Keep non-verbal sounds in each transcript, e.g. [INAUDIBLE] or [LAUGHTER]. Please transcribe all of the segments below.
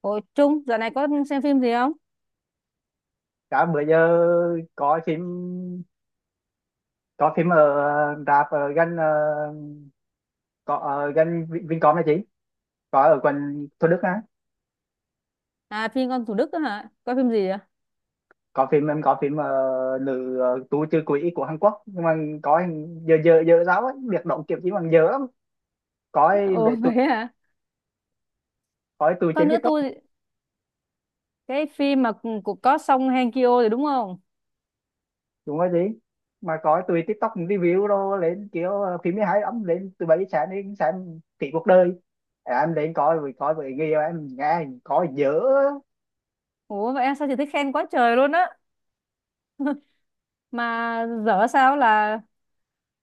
Ôi Trung, dạo này có xem phim gì không? Cả bữa giờ có phim có phim ở rạp ở gần có ở gần Vincom này chị, có ở quận Thủ Đức á. À, phim con Thủ Đức đó hả? Coi phim gì vậy? Có phim, em có phim nữ tù trừ quỷ của Hàn Quốc, nhưng mà có. Giờ giờ giờ giáo ấy việc động kiểu chỉ bằng giờ lắm, có. Ồ, Mẹ [LAUGHS] vậy tụi, hả? có tụi Coi trên nữa TikTok. tôi, cái phim mà của có Song Hye Kyo rồi đúng không? Đúng rồi chị, mà có tụi TikTok review đồ lên kiểu phim mới hay lắm, lên từ 7 giờ sáng đến sáng tỷ cuộc đời. À, em đến coi rồi coi với người yêu em, nghe có dở. Ủa vậy em sao, chị thấy khen quá trời luôn á. Mà dở sao, là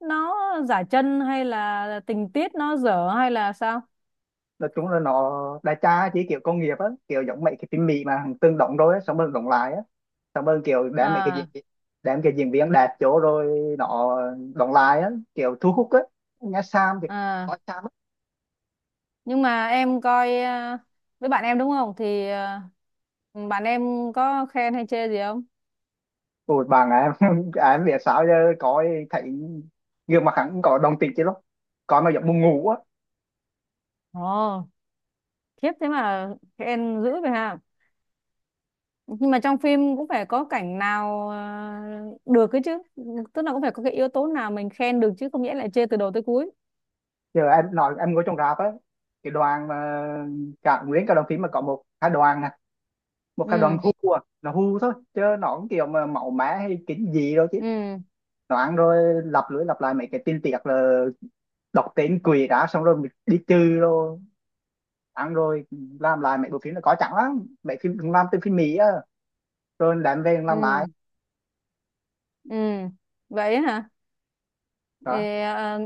nó giả chân hay là tình tiết nó dở hay là sao? Nói chung là nó đại trà, chỉ kiểu công nghiệp á, kiểu giống mấy cái phim Mỹ mà hàng tương đóng rồi á, xong rồi đóng lại á. Xong rồi kiểu đem mấy cái À diễn, đem cái diễn viên đạt chỗ rồi nó đóng lại á, kiểu thu hút á. Nghe Sam thì có à, Sam á. nhưng mà em coi với bạn em đúng không? Thì bạn em có khen hay chê gì không? Ủa bạn em [LAUGHS] em biết sao giờ, coi thấy gương mặt hắn cũng có đồng tình chứ lắm, coi mà giống buồn ngủ á. Ồ, khiếp thế mà khen dữ vậy hả? Nhưng mà trong phim cũng phải có cảnh nào được cái chứ, tức là cũng phải có cái yếu tố nào mình khen được chứ không nghĩa lại chê từ đầu tới cuối. Giờ em nói em ngồi trong rạp á, cái đoàn mà cả nguyên cả đoàn phim mà có một hai đoàn nè, một hai đoàn Ừ, hu à, nó hu thôi chứ nó cũng kiểu mà màu mã hay kính gì đâu chứ. ừ, Loạn rồi, lặp lưỡi lặp lại mấy cái tin tiệc là đọc tên quỷ đã xong rồi mình đi trừ rồi, ăn rồi. Làm lại mấy bộ phim là có chẳng lắm mấy phim làm từ phim Mỹ á rồi đem về làm lại ừ, ừ, vậy á hả. đó. Ê,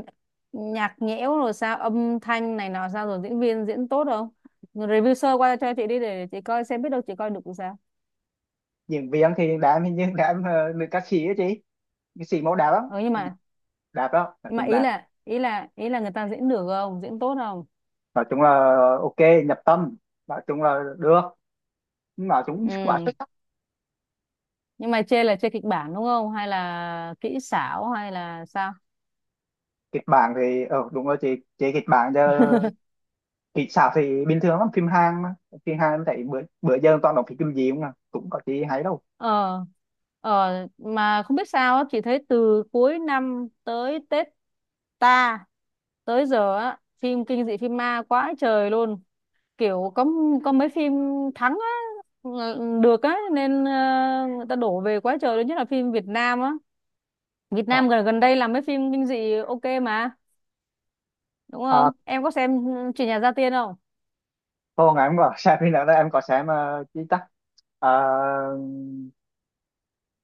nhạc nhẽo rồi sao, âm thanh này nọ sao, rồi diễn viên diễn tốt không, review sơ qua cho chị đi, để chị coi xem biết đâu chị coi được thì sao. Diễn viên thì đem, hình như đem nữ ca sĩ á chị, nữ sĩ mẫu đẹp lắm. Ừ, nhưng mà Đẹp đó, nói chung đẹp, ý là người ta diễn được không, diễn tốt không. nói chung là ok, nhập tâm, nói chung là được, nói chung quá xuất Ừ, sắc. nhưng mà chê là chê kịch bản đúng không, hay là kỹ xảo, hay là sao? Kịch bản thì đúng rồi chị kịch bản cho thì sao thì bình thường lắm, phim Hàn mà. Phim Hàn em thấy bữa bữa giờ toàn đọc phim gì không à, cũng có gì hay đâu. ờ ờ mà không biết sao á, chị thấy từ cuối năm tới Tết ta tới giờ á, phim kinh dị, phim ma quá trời luôn, kiểu có mấy phim thắng á. Ừ, được á, nên người ta đổ về quá trời luôn, nhất là phim Việt Nam á. Việt Ờ. Nam gần gần đây làm mấy phim kinh dị, ok mà. Đúng không, À, em có xem chuyện nhà gia tiên không? cô ngày em có [LAUGHS] xem phim nào đó, em có xem chi ta. Ờ,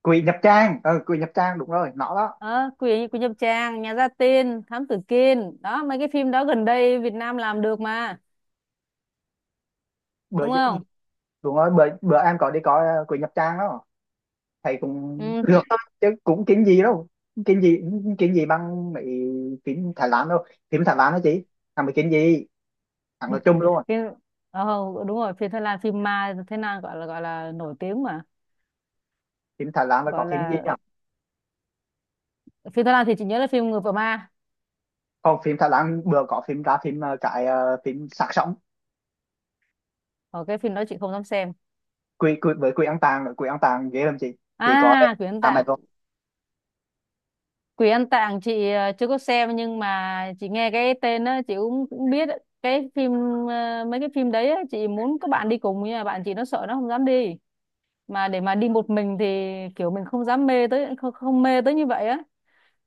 Quỷ Nhập Trang, Quỷ Nhập Trang đúng rồi nó đó. Ờ quỷ Quỷ Nhập Tràng, Nhà Gia Tiên, Thám Tử Kiên đó, mấy cái phim đó gần đây Việt Nam làm được mà, bữa đúng giờ- không? Đúng rồi, bữa bữa em có đi coi Quỷ Nhập Trang đó. Thầy cũng Ừ, được thôi, chứ cũng kiếm gì đâu, kiếm gì kiếm gì bằng mấy phim Thái Lan đâu, phim Thái Lan đó chị, thằng mấy kiếm gì, thằng là chung luôn. phim ờ, đúng rồi, phim Thái Lan, phim ma Thái Lan gọi là nổi tiếng mà. Phim Thái Lan là Gọi có phim gì, là, phim Thái Lan thì chị nhớ là phim Người vợ ma. còn phim Thái Lan vừa có phim ra, phim cái phim Xác Sống. Ở, cái phim đó chị không dám xem. Quỷ với quỷ ăn tàng nữa. Quỷ ăn tàng ghê lắm chị có À, Quỷ Ăn à mày Tạng. rồi. Quỷ Ăn Tạng chị chưa có xem, nhưng mà chị nghe cái tên đó chị cũng biết ấy. Mấy cái phim đấy á, chị muốn các bạn đi cùng nhưng mà bạn chị nó sợ, nó không dám đi, mà để mà đi một mình thì kiểu mình không dám mê tới, không, không mê tới như vậy á.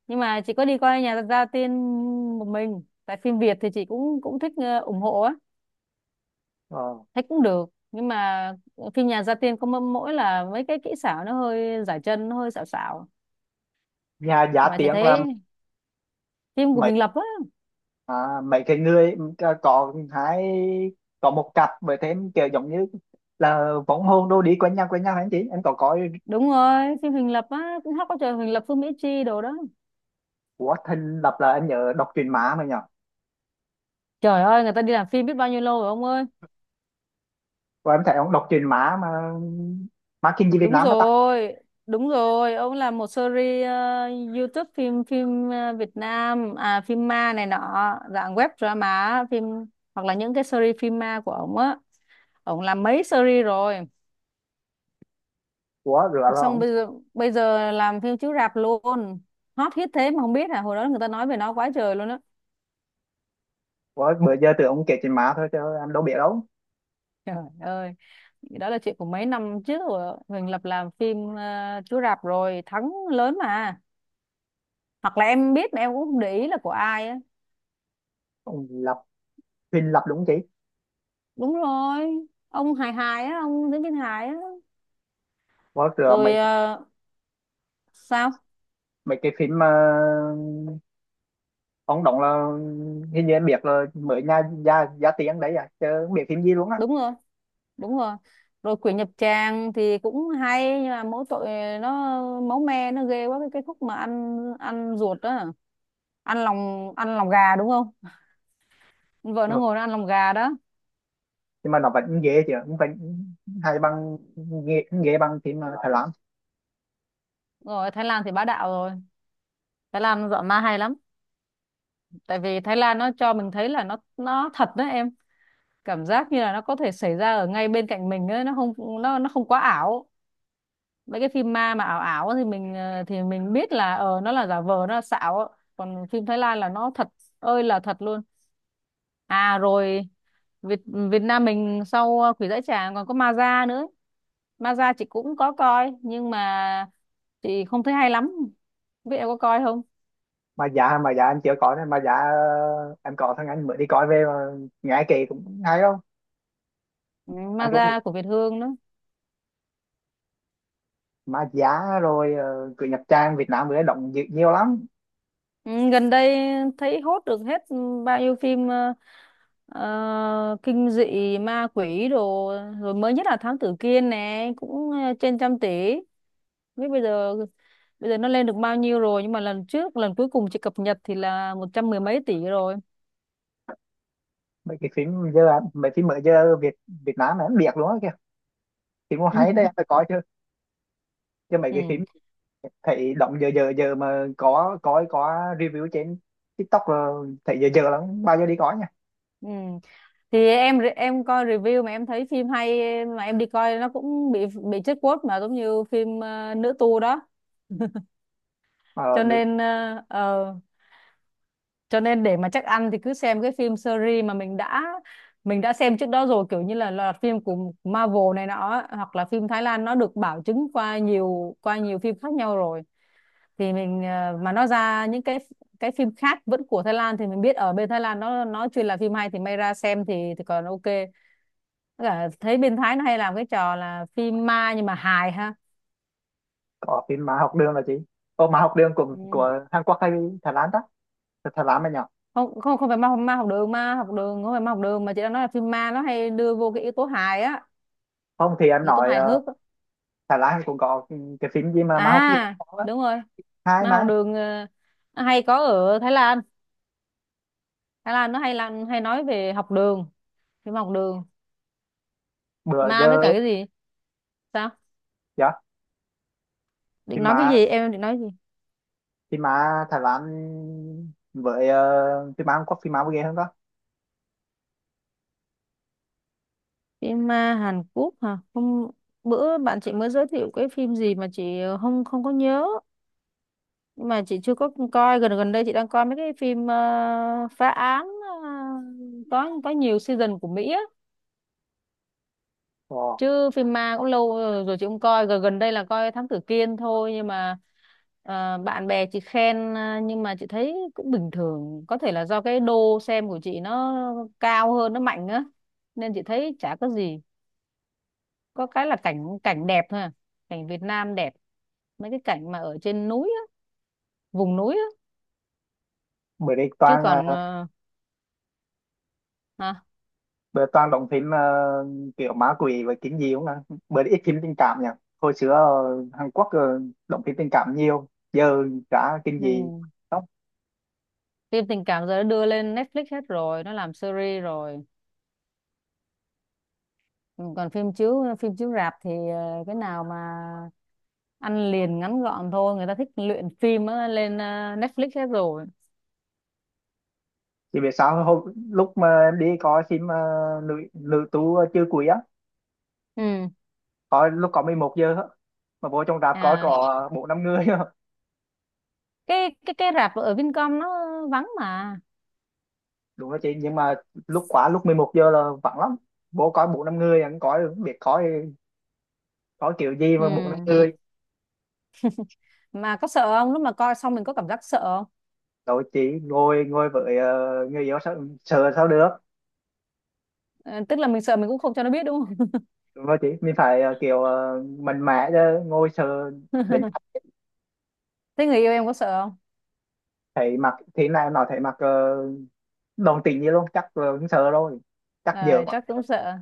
Nhưng mà chị có đi coi nhà ra tiên một mình, tại phim Việt thì chị cũng cũng thích, ủng hộ á. Ờ. Thấy cũng được, nhưng mà phim nhà gia tiên có mỗi mỗi là mấy cái kỹ xảo nó hơi giải chân, nó hơi xảo xảo, Nhà giá mà chị tiếng là thấy phim của mấy Huỳnh Lập á. à, mấy cái người có hai, có một cặp với thêm kiểu giống như là võng hồn đô đi quanh nhau hả chị, em có coi. Đúng rồi, phim Huỳnh Lập á cũng hot quá trời, Huỳnh Lập, Phương Mỹ Chi đồ đó. Của thình lập là em nhớ đọc truyền má mà nhở, Trời ơi, người ta đi làm phim biết bao nhiêu lâu rồi ông ơi. và em thấy ông đọc truyền má mà má kinh dị Việt Đúng Nam nó tắt. rồi, đúng rồi, ông làm một series YouTube, phim phim ờ, Việt Nam, à phim ma này nọ, dạng web drama, hoặc là những cái series phim ma của ông á. Ông làm mấy series rồi, Của rửa là xong ông, bây giờ làm phim chiếu rạp luôn. Hot hit thế mà không biết, hồi đó người ta nói về nó quá trời luôn á. của bữa giờ tưởng ông kể truyện má thôi chứ em đâu biết đâu. Trời ơi, đó là chuyện của mấy năm trước rồi. Huỳnh Lập làm phim chiếu rạp rồi, thắng lớn mà. Hoặc là em biết mà em cũng không để ý là của ai á. Ông lập, thình lập đúng không chị. Đúng rồi, ông hài hài á, ông diễn viên hải á. Có sửa Rồi mấy sao? mấy cái phim mà ông đóng là, hình như em biết là mới nha gia gia tiếng đấy à chứ không biết phim gì luôn á. Đúng rồi, đúng rồi, rồi Quỷ Nhập Tràng thì cũng hay nhưng mà mỗi tội nó máu me nó ghê quá, cái khúc mà ăn ăn ruột đó, ăn lòng gà đúng không, vợ nó Rồi. ngồi nó ăn lòng gà đó. Nhưng mà nó vẫn ghê chứ, cũng vẫn hay bằng, ghê bằng phim Thái Lan. Rồi Thái Lan thì bá đạo rồi, Thái Lan dọn ma hay lắm, tại vì Thái Lan nó cho mình thấy là nó thật đó em, cảm giác như là nó có thể xảy ra ở ngay bên cạnh mình ấy, nó không nó nó không quá ảo. Mấy cái phim ma mà ảo ảo thì thì mình biết là nó là giả vờ, nó là xạo, còn phim Thái Lan là nó thật, ơi là thật luôn. À, rồi Việt Việt Nam mình, sau Quỷ Dãy Tràng còn có Ma Da nữa. Ma Da chị cũng có coi nhưng mà chị không thấy hay lắm, biết em có coi không. Mà giá em chưa có đấy. Mà giá em có thằng anh mới đi coi về mà nghe kỳ cũng hay không. Ừ, Anh Ma cũng biết Da của Việt Hương đó. mà giá rồi cứ nhập trang Việt Nam mới đóng nhiều lắm. Ừ, gần đây thấy hốt được hết bao nhiêu phim kinh dị ma quỷ đồ, rồi mới nhất là Thám Tử Kiên nè cũng trên trăm tỷ. Không biết bây giờ nó lên được bao nhiêu rồi, nhưng mà lần cuối cùng chị cập nhật thì là một trăm mười mấy tỷ rồi. Mấy cái phim giờ, mấy phim mới giờ Việt Việt Nam em biết luôn á kìa, phim cũng hay đấy, em phải [LAUGHS] coi chứ. Chứ mấy cái Ừ. phim thấy động, giờ giờ giờ mà có review trên TikTok là thấy giờ giờ lắm, bao giờ đi có nha Ừ. Thì em coi review mà em thấy phim hay, mà em đi coi nó cũng bị chết quote, mà giống như phim nữ tu đó, mà cho được. nên cho nên để mà chắc ăn thì cứ xem cái phim series mà mình đã xem trước đó rồi, kiểu như là loạt phim của Marvel này nọ, hoặc là phim Thái Lan nó được bảo chứng qua nhiều phim khác nhau rồi, thì mà nó ra những cái phim khác vẫn của Thái Lan thì mình biết ở bên Thái Lan nó chuyên là phim hay, thì may ra xem thì còn ok. Với cả thấy bên Thái nó hay làm cái trò là phim ma nhưng mà hài ha. Có phim mà học đường là chị, ô mà học đường của Ừ. của Hàn Quốc hay Thái Lan ta, thật Thái Lan mà nhỏ. Không, không, không phải ma ma học đường, không phải ma học đường mà chị đang nói là phim ma nó hay đưa vô cái yếu tố hài á, Không thì em như tố nói hài hước á. Thái Lan cũng có cái phim gì mà học đường À có á. đúng rồi, Hai mà học mà, đường nó hay có ở Thái Lan, Thái Lan nó hay làm, hay nói về học đường, phim học đường bữa ma, với giờ cả cái gì sao? dạ, Định phim nói cái mà gì, em định nói gì? phim mà Thái Lan với phim mà Hàn Quốc, phim mà ghê hơn đó. Phim ma Hàn Quốc hả, hôm bữa bạn chị mới giới thiệu cái phim gì mà chị không, không có nhớ, nhưng mà chị chưa có coi. Gần gần đây chị đang coi mấy cái phim phá án, ờ, có nhiều season của Mỹ á, Ồ, chứ phim ma cũng lâu rồi, rồi chị không coi. Gần gần đây là coi Thám Tử Kiên thôi, nhưng mà bạn bè chị khen, nhưng mà chị thấy cũng bình thường, có thể là do cái đô xem của chị nó cao hơn, nó mạnh á, nên chị thấy chả có gì. Có cái là cảnh cảnh đẹp thôi à, cảnh Việt Nam đẹp, mấy cái cảnh mà ở trên núi á, vùng núi á. bữa đây Chứ toàn còn hả? bữa toàn đóng phim kiểu ma quỷ và kinh dị không ạ? Bữa ít phim tình cảm nhỉ? Hồi xưa Hàn Quốc đóng phim tình cảm nhiều, giờ cả kinh Ừ. dị không? Phim tình cảm giờ nó đưa lên Netflix hết rồi, nó làm series rồi. Ừ, còn phim chiếu rạp thì cái nào mà ăn liền ngắn gọn thôi, người ta thích luyện phim á, lên Netflix hết rồi. Chỉ biết sao hồi, lúc mà em đi coi phim nữ nữ tú chưa cuối á, Ừ, coi lúc có 11 giờ á, mà vô trong rạp coi à, có bốn năm người á. Cái rạp ở Vincom nó vắng mà. Đúng đó chị, nhưng mà lúc quá lúc 11 giờ là vắng lắm, vô coi bốn năm người, anh coi không biết coi, coi kiểu gì Ừ, mà bốn năm người. mà có sợ không, lúc mà coi xong mình có cảm giác sợ không? Rồi chị ngồi ngồi với người yêu sao sợ sao được. Ờ, tức là mình sợ mình cũng không cho nó biết đúng không. Đúng rồi chị, mình phải kiểu mặn mẽ chứ, ngồi sợ. Đến [LAUGHS] Thế người yêu em có sợ không? thấy mặt thế này nó thấy mặt uh, đồng tình như luôn, chắc cũng sợ rồi, chắc Ờ, giờ quá. chắc cũng sợ,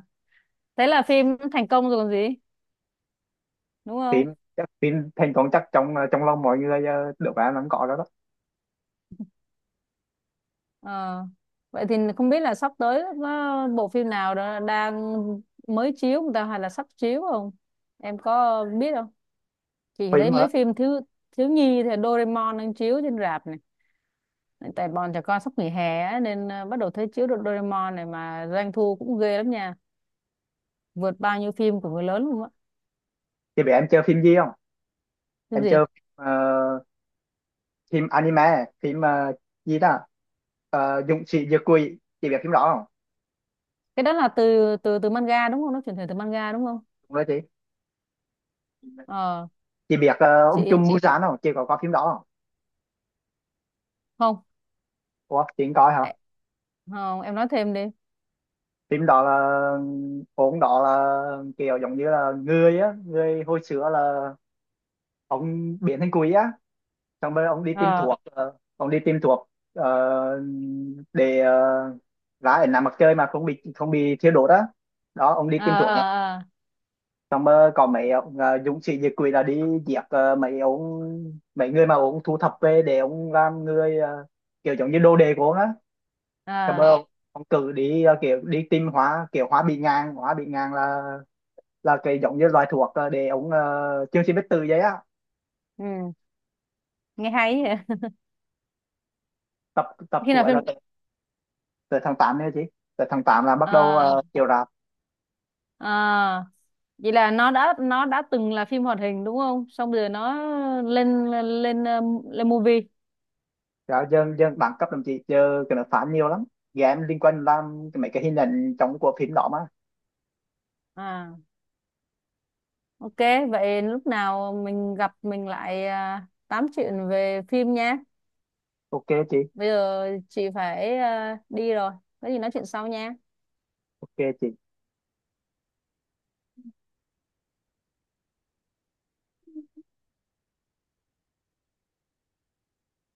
thế là phim thành công rồi còn gì, đúng không? Phim chắc phim thành công, chắc trong lòng mọi người được bạn vẫn có đó đó. Ờ. Vậy thì không biết là sắp tới nó bộ phim nào đó đang mới chiếu người ta, hay là sắp chiếu không? Em có biết không? Chị thấy Phim mấy phim thiếu thiếu nhi thì Doraemon đang chiếu trên rạp này. Tại bọn trẻ con sắp nghỉ hè á, nên bắt đầu thấy chiếu được Doraemon này, mà doanh thu cũng ghê lắm nha, vượt bao nhiêu phim của người lớn luôn á. chị biết em chơi phim gì không, Phim em gì? chơi ờ, phim anime, phim gì đó, Dũng sĩ diệt quỷ chị biết phim đó không. Cái đó là từ từ từ manga đúng không? Nó chuyển thể từ manga đúng không? Đúng rồi chị. Ờ, Chị biết chị ông Trùm chị Busan không, chị có coi phim đó không. không. Ủa chị không coi hả. Ê, không, em nói thêm đi. Phim đó là ông đó là kiểu giống như là người á, người hồi xưa là ông biến thành quỷ á. Xong rồi ông đi tìm Ờ, thuốc ông đi tìm thuốc để ra ở nằm mặt trời mà không bị thiêu đốt á, đó ông đi ờ, tìm thuốc ờ, đó. ờ, Xong rồi có mấy ông dũng sĩ diệt quỷ là đi giết mấy ông, mấy người mà ông thu thập về để ông làm người kiểu giống như đồ đề của ông á. Xong ờ. rồi ông cử đi kiểu đi tìm hóa, kiểu hóa bị ngang, hóa bị ngang là cái giống như loại thuốc để ống chương trình biết từ giấy á. Ừ. Nghe hay vậy. [LAUGHS] Tập tập Khi của nào ấy phim là từ tháng 8 nha chị, từ tháng 8 là bắt đầu à? Chiều rạp. à, Vậy là nó đã từng là phim hoạt hình đúng không, xong rồi nó lên lên lên movie. Rồi dân dân đẳng cấp đồng chí giờ cái nó phán nhiều lắm, game liên quan làm mấy cái hình ảnh trong của phim đó mà. À, ok, vậy lúc nào mình gặp mình lại tám chuyện về phim nha. Ok chị. Bây giờ chị phải đi rồi, có gì nói chuyện sau nha. Ok chị.